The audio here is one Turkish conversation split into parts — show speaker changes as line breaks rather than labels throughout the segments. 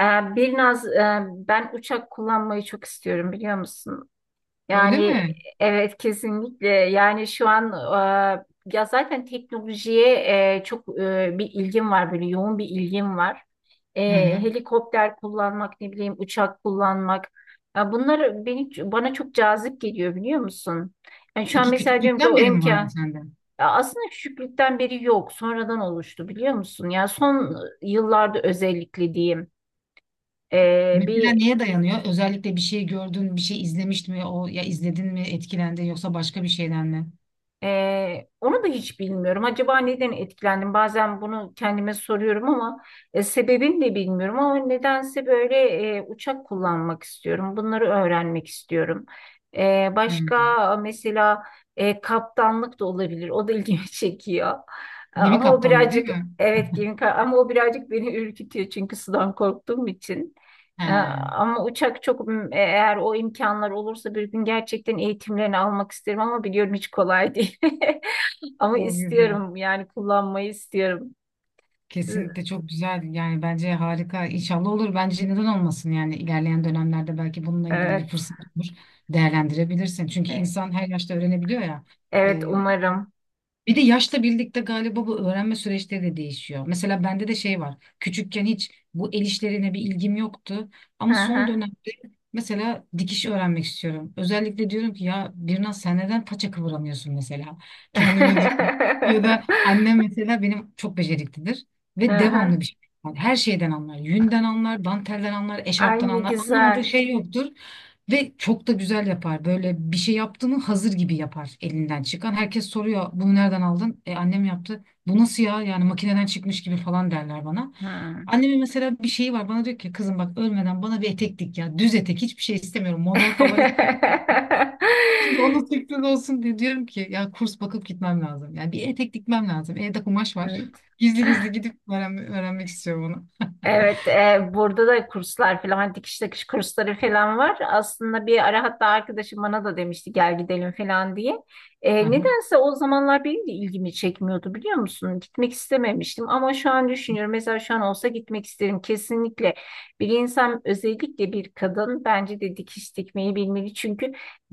Ee, Birnaz, ben uçak kullanmayı çok istiyorum biliyor musun?
Öyle
Yani
mi?
evet, kesinlikle. Yani şu an ya zaten teknolojiye bir ilgim var, böyle yoğun bir ilgim var. E,
Hı hı.
Helikopter kullanmak, ne bileyim, uçak kullanmak. Ya bunlar beni, bana çok cazip geliyor biliyor musun? Yani şu an
Peki
mesela diyorum ki
küçüklükten
o
beri mi var bu
imkan,
sende?
ya aslında küçüklükten beri yok, sonradan oluştu biliyor musun? Ya son yıllarda özellikle diyeyim.
Mesela
Bir
neye dayanıyor? Özellikle bir şey gördün, bir şey izlemiştin mi? O ya izledin mi, etkilendin yoksa başka bir şeyden mi?
Onu da hiç bilmiyorum. Acaba neden etkilendim? Bazen bunu kendime soruyorum ama sebebini de bilmiyorum. Ama nedense böyle uçak kullanmak istiyorum. Bunları öğrenmek istiyorum.
Hı.
Başka mesela kaptanlık da olabilir. O da ilgimi çekiyor.
Gemi
Ama o
kaptanı değil
birazcık,
mi?
evet, gemi ama o birazcık beni ürkütüyor, çünkü sudan korktuğum için.
He.
Ama uçak çok, eğer o imkanlar olursa bir gün gerçekten eğitimlerini almak isterim ama biliyorum hiç kolay değil. Ama
Çok güzel.
istiyorum, yani kullanmayı istiyorum. Siz-
Kesinlikle çok güzel. Yani bence harika. İnşallah olur. Bence neden olmasın yani ilerleyen dönemlerde belki bununla ilgili bir
Evet.
fırsat olur. Değerlendirebilirsin. Çünkü insan her yaşta öğrenebiliyor ya.
Evet,
Ee,
umarım.
Bir de yaşla birlikte galiba bu öğrenme süreçleri de değişiyor. Mesela bende de şey var. Küçükken hiç bu el işlerine bir ilgim yoktu.
Hı
Ama son
hı.
dönemde mesela dikiş öğrenmek istiyorum. Özellikle diyorum ki ya Birnaz sen neden paça kıvıramıyorsun mesela? Kendime diyorum. Ya da annem mesela benim çok beceriklidir. Ve
Hı
devamlı
hı.
bir şey. Yani her şeyden anlar. Yünden anlar, dantelden anlar,
Ay,
eşarptan
ne
anlar. Anlamadığı
güzel.
şey yoktur. Ve çok da güzel yapar. Böyle bir şey yaptığını hazır gibi yapar elinden çıkan. Herkes soruyor bunu nereden aldın? E annem yaptı. Bu nasıl ya? Yani makineden çıkmış gibi falan derler bana.
Hı.
Annemin mesela bir şeyi var. Bana diyor ki kızım bak ölmeden bana bir etek dik ya. Düz etek hiçbir şey istemiyorum. Model falan istemiyorum. Şimdi onun sürpriz olsun diye diyorum ki ya kurs bakıp gitmem lazım. Yani bir etek dikmem lazım. Evde kumaş var.
Evet.
Gizli gizli gidip öğrenmek istiyorum onu.
Evet, burada da kurslar falan, hani dikiş takış kursları falan var. Aslında bir ara hatta arkadaşım bana da demişti gel gidelim falan diye.
Aha.
Nedense o zamanlar benim de ilgimi çekmiyordu biliyor musun? Gitmek istememiştim ama şu an düşünüyorum. Mesela şu an olsa gitmek isterim kesinlikle. Bir insan, özellikle bir kadın, bence de dikiş dikmeyi bilmeli. Çünkü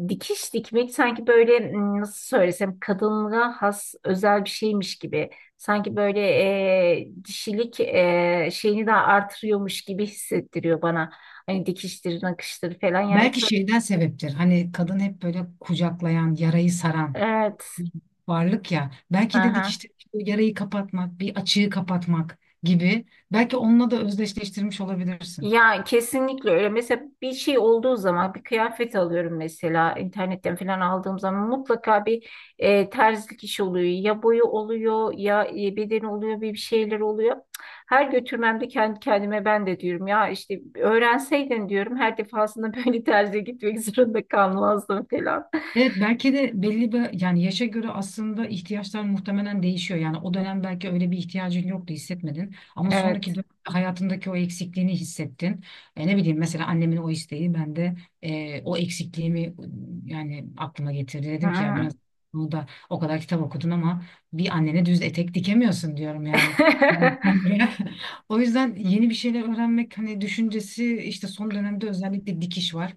dikiş dikmek sanki böyle, nasıl söylesem, kadınlığa has özel bir şeymiş gibi. Sanki böyle dişilik şeyini de artırıyormuş gibi hissettiriyor bana. Hani dikiştir, nakıştır falan. Yani
Belki şeyden sebeptir. Hani kadın hep böyle kucaklayan, yarayı saran
evet.
varlık ya. Belki de
Aha.
dikişte bir yarayı kapatmak, bir açığı kapatmak gibi. Belki onunla da özdeşleştirmiş olabilirsin.
Ya kesinlikle öyle. Mesela bir şey olduğu zaman, bir kıyafet alıyorum mesela internetten falan aldığım zaman, mutlaka bir terzilik işi oluyor. Ya boyu oluyor, ya bedeni oluyor, bir şeyler oluyor. Cık, her götürmemde kendi kendime ben de diyorum ya işte öğrenseydin diyorum her defasında böyle terziye gitmek zorunda kalmazdım falan.
Evet, belki de belli bir yani yaşa göre aslında ihtiyaçlar muhtemelen değişiyor. Yani o dönem belki öyle bir ihtiyacın yoktu, hissetmedin ama
Evet.
sonraki dönem hayatındaki o eksikliğini hissettin. Ne bileyim mesela annemin o isteği ben de o eksikliğimi yani aklıma getirdi. Dedim ki ya
Ha.
biraz bunu da o kadar kitap okudun ama bir annene düz etek dikemiyorsun, diyorum yani. O yüzden yeni bir şeyler öğrenmek hani düşüncesi işte son dönemde özellikle dikiş var.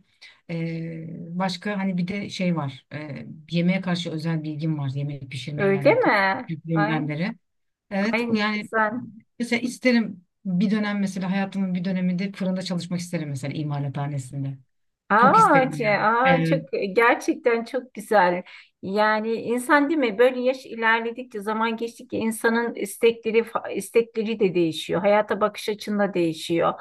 Ee, Başka hani bir de şey var. Yemeğe karşı özel bilgim var. Yemek pişirmeyle
Öyle
alakalı
mi? Ay,
küçüklüğümden beri.
ay
Evet
ne
yani
güzel.
mesela isterim bir dönem, mesela hayatımın bir döneminde fırında çalışmak isterim, mesela imalathanesinde. Çok
Aa,
isterim yani.
aa, çok gerçekten çok güzel. Yani insan değil mi? Böyle yaş ilerledikçe, zaman geçtikçe insanın istekleri istekleri de değişiyor. Hayata bakış açında değişiyor.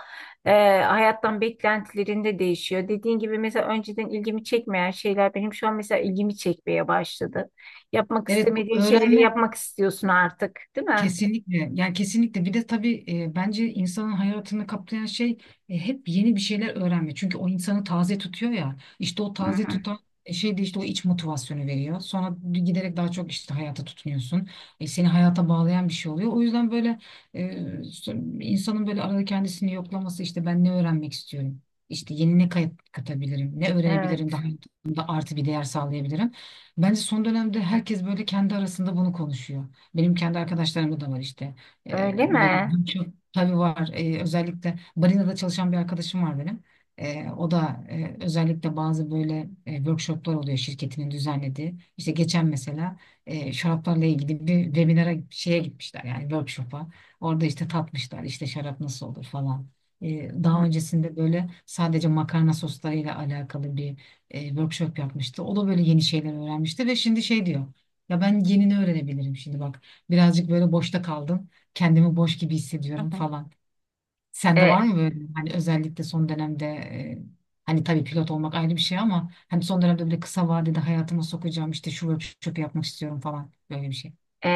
Ee, Hayattan beklentilerinde değişiyor. Dediğin gibi, mesela önceden ilgimi çekmeyen şeyler benim şu an mesela ilgimi çekmeye başladı. Yapmak
Evet, bu
istemediğin şeyleri
öğrenme
yapmak istiyorsun artık, değil mi?
kesinlikle yani kesinlikle. Bir de tabii bence insanın hayatını kaplayan şey hep yeni bir şeyler öğrenme. Çünkü o insanı taze tutuyor ya, işte o
Hı
taze
hı.
tutan şey de işte o iç motivasyonu veriyor. Sonra giderek daha çok işte hayata tutunuyorsun. E, seni hayata bağlayan bir şey oluyor. O yüzden böyle e, insanın böyle arada kendisini yoklaması işte, ben ne öğrenmek istiyorum? İşte yeni ne katabilirim? Ne öğrenebilirim?
Evet.
Daha hayatımda artı bir değer sağlayabilirim. Bence son dönemde herkes böyle kendi arasında bunu konuşuyor. Benim kendi arkadaşlarımda da var işte.
Öyle mi?
Böyle çok tabii var. Özellikle Barina'da çalışan bir arkadaşım var benim. O da özellikle bazı böyle workshoplar oluyor şirketinin düzenlediği. İşte geçen mesela şaraplarla ilgili bir webinara şeye gitmişler, yani workshop'a. Orada işte tatmışlar, işte şarap nasıl olur falan.
Hı
Daha öncesinde böyle sadece makarna soslarıyla alakalı bir workshop yapmıştı. O da böyle yeni şeyler öğrenmişti ve şimdi şey diyor. Ya ben yenini öğrenebilirim şimdi bak. Birazcık böyle boşta kaldım. Kendimi boş gibi hissediyorum
hı.
falan. Sende var
E,
mı böyle, hani özellikle son dönemde hani tabii pilot olmak ayrı bir şey ama hani son dönemde böyle kısa vadede hayatıma sokacağım işte şu workshop'u yapmak istiyorum falan, böyle bir şey.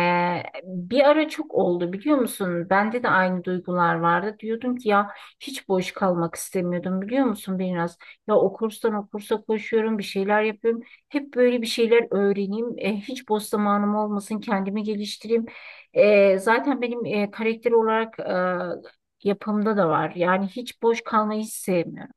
Bir ara çok oldu biliyor musun? Bende de aynı duygular vardı. Diyordum ki ya, hiç boş kalmak istemiyordum biliyor musun biraz? Ya o kurstan o kursa koşuyorum, bir şeyler yapıyorum. Hep böyle bir şeyler öğreneyim. Hiç boş zamanım olmasın, kendimi geliştireyim. Zaten benim karakter olarak yapımda da var. Yani hiç boş kalmayı hiç sevmiyorum.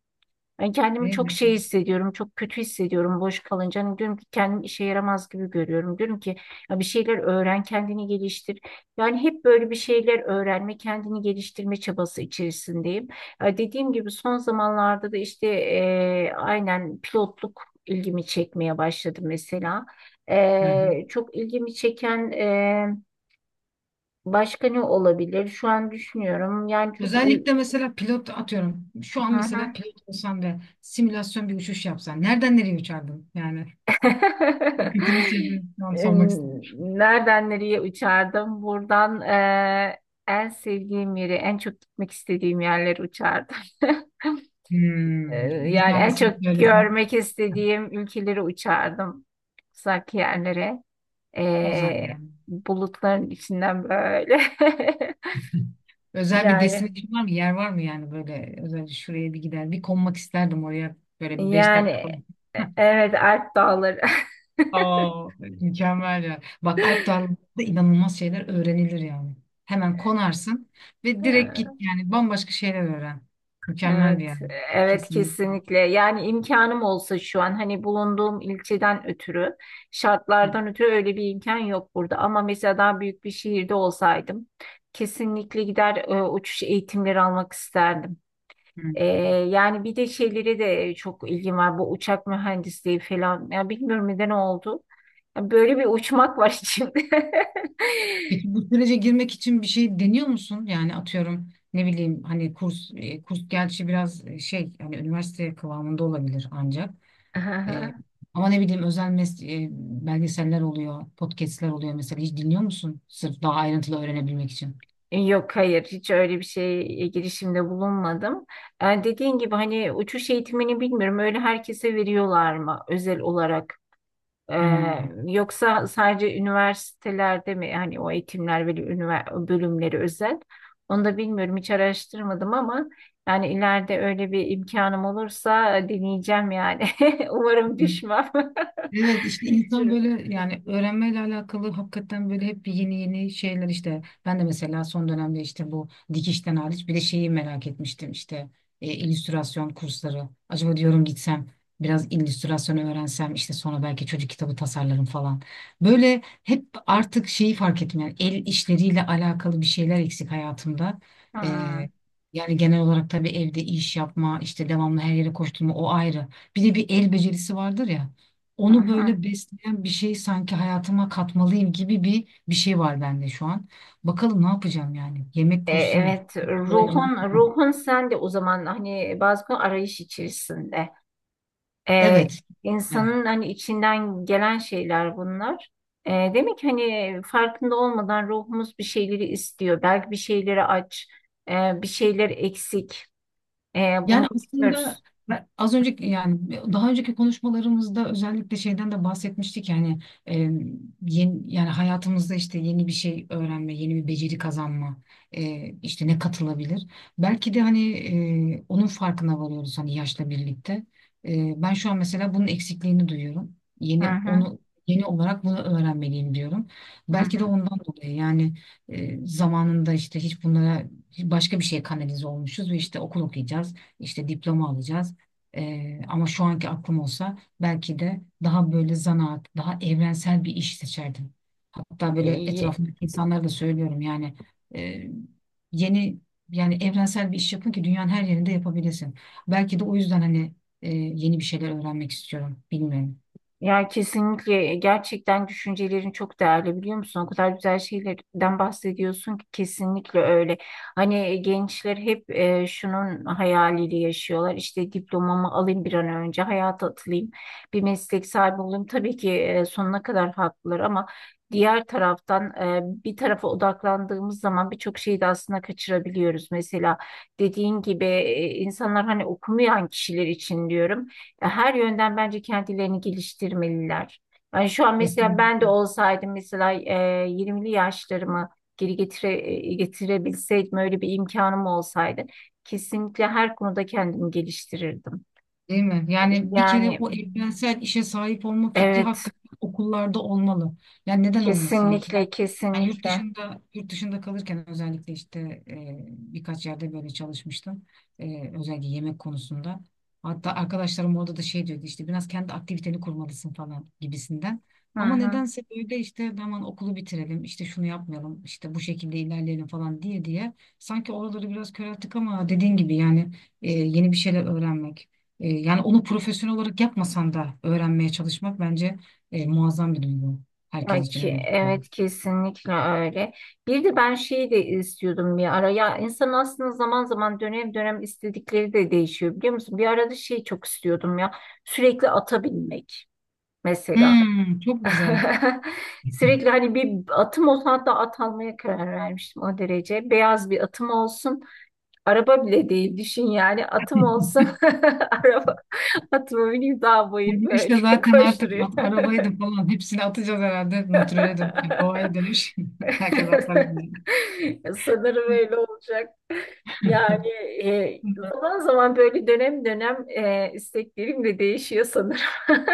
Ben kendimi
Değil
çok
mi?
şey hissediyorum, çok kötü hissediyorum boş kalınca. Hani diyorum ki kendim işe yaramaz gibi görüyorum. Diyorum ki ya bir şeyler öğren, kendini geliştir. Yani hep böyle bir şeyler öğrenme, kendini geliştirme çabası içerisindeyim. Ya dediğim gibi son zamanlarda da işte aynen pilotluk ilgimi çekmeye başladı mesela.
Hı hı.
Çok ilgimi çeken başka ne olabilir? Şu an düşünüyorum. Yani çok il...
Özellikle mesela pilot atıyorum. Şu an
Hı
mesela
hı.
pilot olsan ve simülasyon bir uçuş yapsan nereden nereye uçardın? Yani kötü bir şey değil. Şu an sormak istedim.
Em, Nereden nereye uçardım? Buradan en sevdiğim yeri, en çok gitmek istediğim yerleri uçardım. Eee,
Hmm, bir
Yani en
tanesini
çok
söylesen
görmek istediğim ülkeleri uçardım. Uzak yerlere.
uzak
Eee,
yani.
Bulutların içinden böyle.
Özel bir
Yani,
destinasyon var mı? Yer var mı yani böyle özellikle şuraya bir gider, bir konmak isterdim oraya böyle bir beş
yani,
dakika.
evet, Alp dağları.
Aa, mükemmel ya. Bak Alp Dağları'nda inanılmaz şeyler öğrenilir yani. Hemen konarsın ve direkt git yani, bambaşka şeyler öğren. Mükemmel bir
Evet,
yer.
evet
Kesinlikle.
kesinlikle. Yani imkanım olsa, şu an hani bulunduğum ilçeden ötürü,
Hı,
şartlardan ötürü öyle bir imkan yok burada. Ama mesela daha büyük bir şehirde olsaydım kesinlikle gider uçuş eğitimleri almak isterdim.
hı.
E, Yani bir de şeylere de çok ilgim var. Bu uçak mühendisliği falan. Ya bilmiyorum neden oldu. Ya böyle bir uçmak var içimde.
Peki bu sürece girmek için bir şey deniyor musun? Yani atıyorum ne bileyim hani kurs kurs, gerçi biraz şey hani üniversite kıvamında olabilir ancak. E, Ama ne bileyim özel e, belgeseller oluyor, podcastler oluyor mesela. Hiç dinliyor musun? Sırf daha ayrıntılı öğrenebilmek için.
Yok, hayır, hiç öyle bir şeye girişimde bulunmadım. Dediğin gibi hani uçuş eğitimini bilmiyorum, öyle herkese veriyorlar mı özel olarak?
Hmm.
Yoksa sadece üniversitelerde mi hani o eğitimler ve bölümleri özel? Onu da bilmiyorum, hiç araştırmadım ama yani ileride öyle bir imkanım olursa deneyeceğim yani. Umarım düşmem.
Evet işte insan
Çünkü-
böyle yani öğrenmeyle alakalı hakikaten böyle hep yeni yeni şeyler işte, ben de mesela son dönemde işte bu dikişten hariç bir de şeyi merak etmiştim, işte illüstrasyon kursları acaba, diyorum gitsem biraz illüstrasyon öğrensem, işte sonra belki çocuk kitabı tasarlarım falan. Böyle hep artık şeyi fark ettim yani, el işleriyle alakalı bir şeyler eksik hayatımda.
Hmm,
E, Yani genel olarak tabii evde iş yapma, işte devamlı her yere koşturma, o ayrı. Bir de bir el becerisi vardır ya,
hı
onu
hı.
böyle besleyen bir şey sanki hayatıma katmalıyım gibi bir şey var bende şu an. Bakalım ne yapacağım yani. Yemek kursu mu?
Evet, ruhun
Fırıncılık mı?
ruhun sen de o zaman hani bazı konu arayış içerisinde. E,
Evet. Evet.
insanın hani içinden gelen şeyler bunlar. Demek ki hani farkında olmadan ruhumuz bir şeyleri istiyor. Belki bir şeyleri aç, bir şeyler eksik. Bunu
Yani aslında
bilmiyoruz.
ben az önceki yani daha önceki konuşmalarımızda özellikle şeyden de bahsetmiştik yani e, yeni, yani hayatımızda işte yeni bir şey öğrenme, yeni bir beceri kazanma, işte ne katılabilir? Belki de hani onun farkına varıyoruz hani yaşla birlikte. Ben şu an mesela bunun eksikliğini duyuyorum.
Hı
Yeni
hı,
onu yeni olarak bunu öğrenmeliyim diyorum. Belki de
hı
ondan dolayı yani zamanında işte hiç bunlara, başka bir şeye kanalize olmuşuz ve işte okul okuyacağız, işte diploma alacağız. Ama şu anki aklım olsa belki de daha böyle zanaat, daha evrensel bir iş seçerdim. Hatta böyle
hı.
etrafımdaki insanlara da söylüyorum yani e, yeni yani evrensel bir iş yapın ki dünyanın her yerinde yapabilirsin. Belki de o yüzden hani yeni bir şeyler öğrenmek istiyorum. Bilmiyorum.
Ya kesinlikle, gerçekten düşüncelerin çok değerli biliyor musun? O kadar güzel şeylerden bahsediyorsun ki, kesinlikle öyle. Hani gençler hep şunun hayaliyle yaşıyorlar. İşte diplomamı alayım bir an önce, hayata atılayım, bir meslek sahibi olayım. Tabii ki sonuna kadar haklılar ama diğer taraftan, bir tarafa odaklandığımız zaman birçok şeyi de aslında kaçırabiliyoruz. Mesela dediğin gibi, insanlar, hani okumayan kişiler için diyorum, her yönden bence kendilerini geliştirmeliler. Yani şu an mesela ben de
Kesinlikle.
olsaydım, mesela 20'li yaşlarımı geri getire, getirebilseydim, öyle bir imkanım olsaydı kesinlikle her konuda kendimi geliştirirdim.
Değil mi? Yani bir kere
Yani
o evrensel işe sahip olma fikri
evet,
hakikaten okullarda olmalı. Yani neden olmasın yani? Ben,
kesinlikle,
yani yurt
kesinlikle.
dışında yurt dışında kalırken özellikle işte birkaç yerde böyle çalışmıştım. Özellikle yemek konusunda. Hatta arkadaşlarım orada da şey diyordu, işte biraz kendi aktiviteni kurmalısın falan gibisinden.
Hı
Ama
hı.
nedense böyle işte hemen okulu bitirelim, işte şunu yapmayalım, işte bu şekilde ilerleyelim falan diye diye sanki oraları biraz körelttik ama dediğin gibi yani yeni bir şeyler öğrenmek. Yani onu profesyonel olarak yapmasan da öğrenmeye çalışmak bence muazzam bir duygu. Herkes
Yani
için
ki
öyle düşünüyorum.
evet, kesinlikle öyle. Bir de ben şeyi de istiyordum bir ara. Ya insan aslında zaman zaman, dönem dönem istedikleri de değişiyor biliyor musun? Bir arada şey çok istiyordum ya. Sürekli ata binmek mesela.
Hmm, çok güzel.
Sürekli hani bir atım olsun, hatta at almaya karar vermiştim o derece. Beyaz bir atım olsun. Araba bile değil düşün, yani atım olsun. Araba, atıma bineyim, dağ
Bu
bayır böyle
girişle zaten artık
koşturuyor.
arabayı da falan hepsini atacağız herhalde. Natürele dönüş, doğaya dönüş. Herkes atlar edecek.
Sanırım öyle olacak. Yani e,
Umarım
zaman zaman böyle, dönem dönem isteklerim de değişiyor sanırım.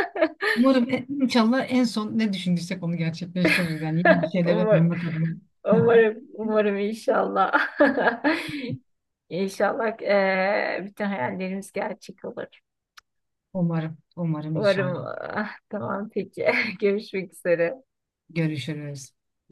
umarım inşallah en son ne düşündüysek onu gerçekleştiririz. Yani yeni bir şeyler
Umar-
öğrenmek adına.
Umarım, umarım inşallah. İnşallah bütün hayallerimiz gerçek olur.
Umarım, umarım
Umarım.
inşallah.
Ah, tamam peki. Görüşmek üzere.
Görüşürüz.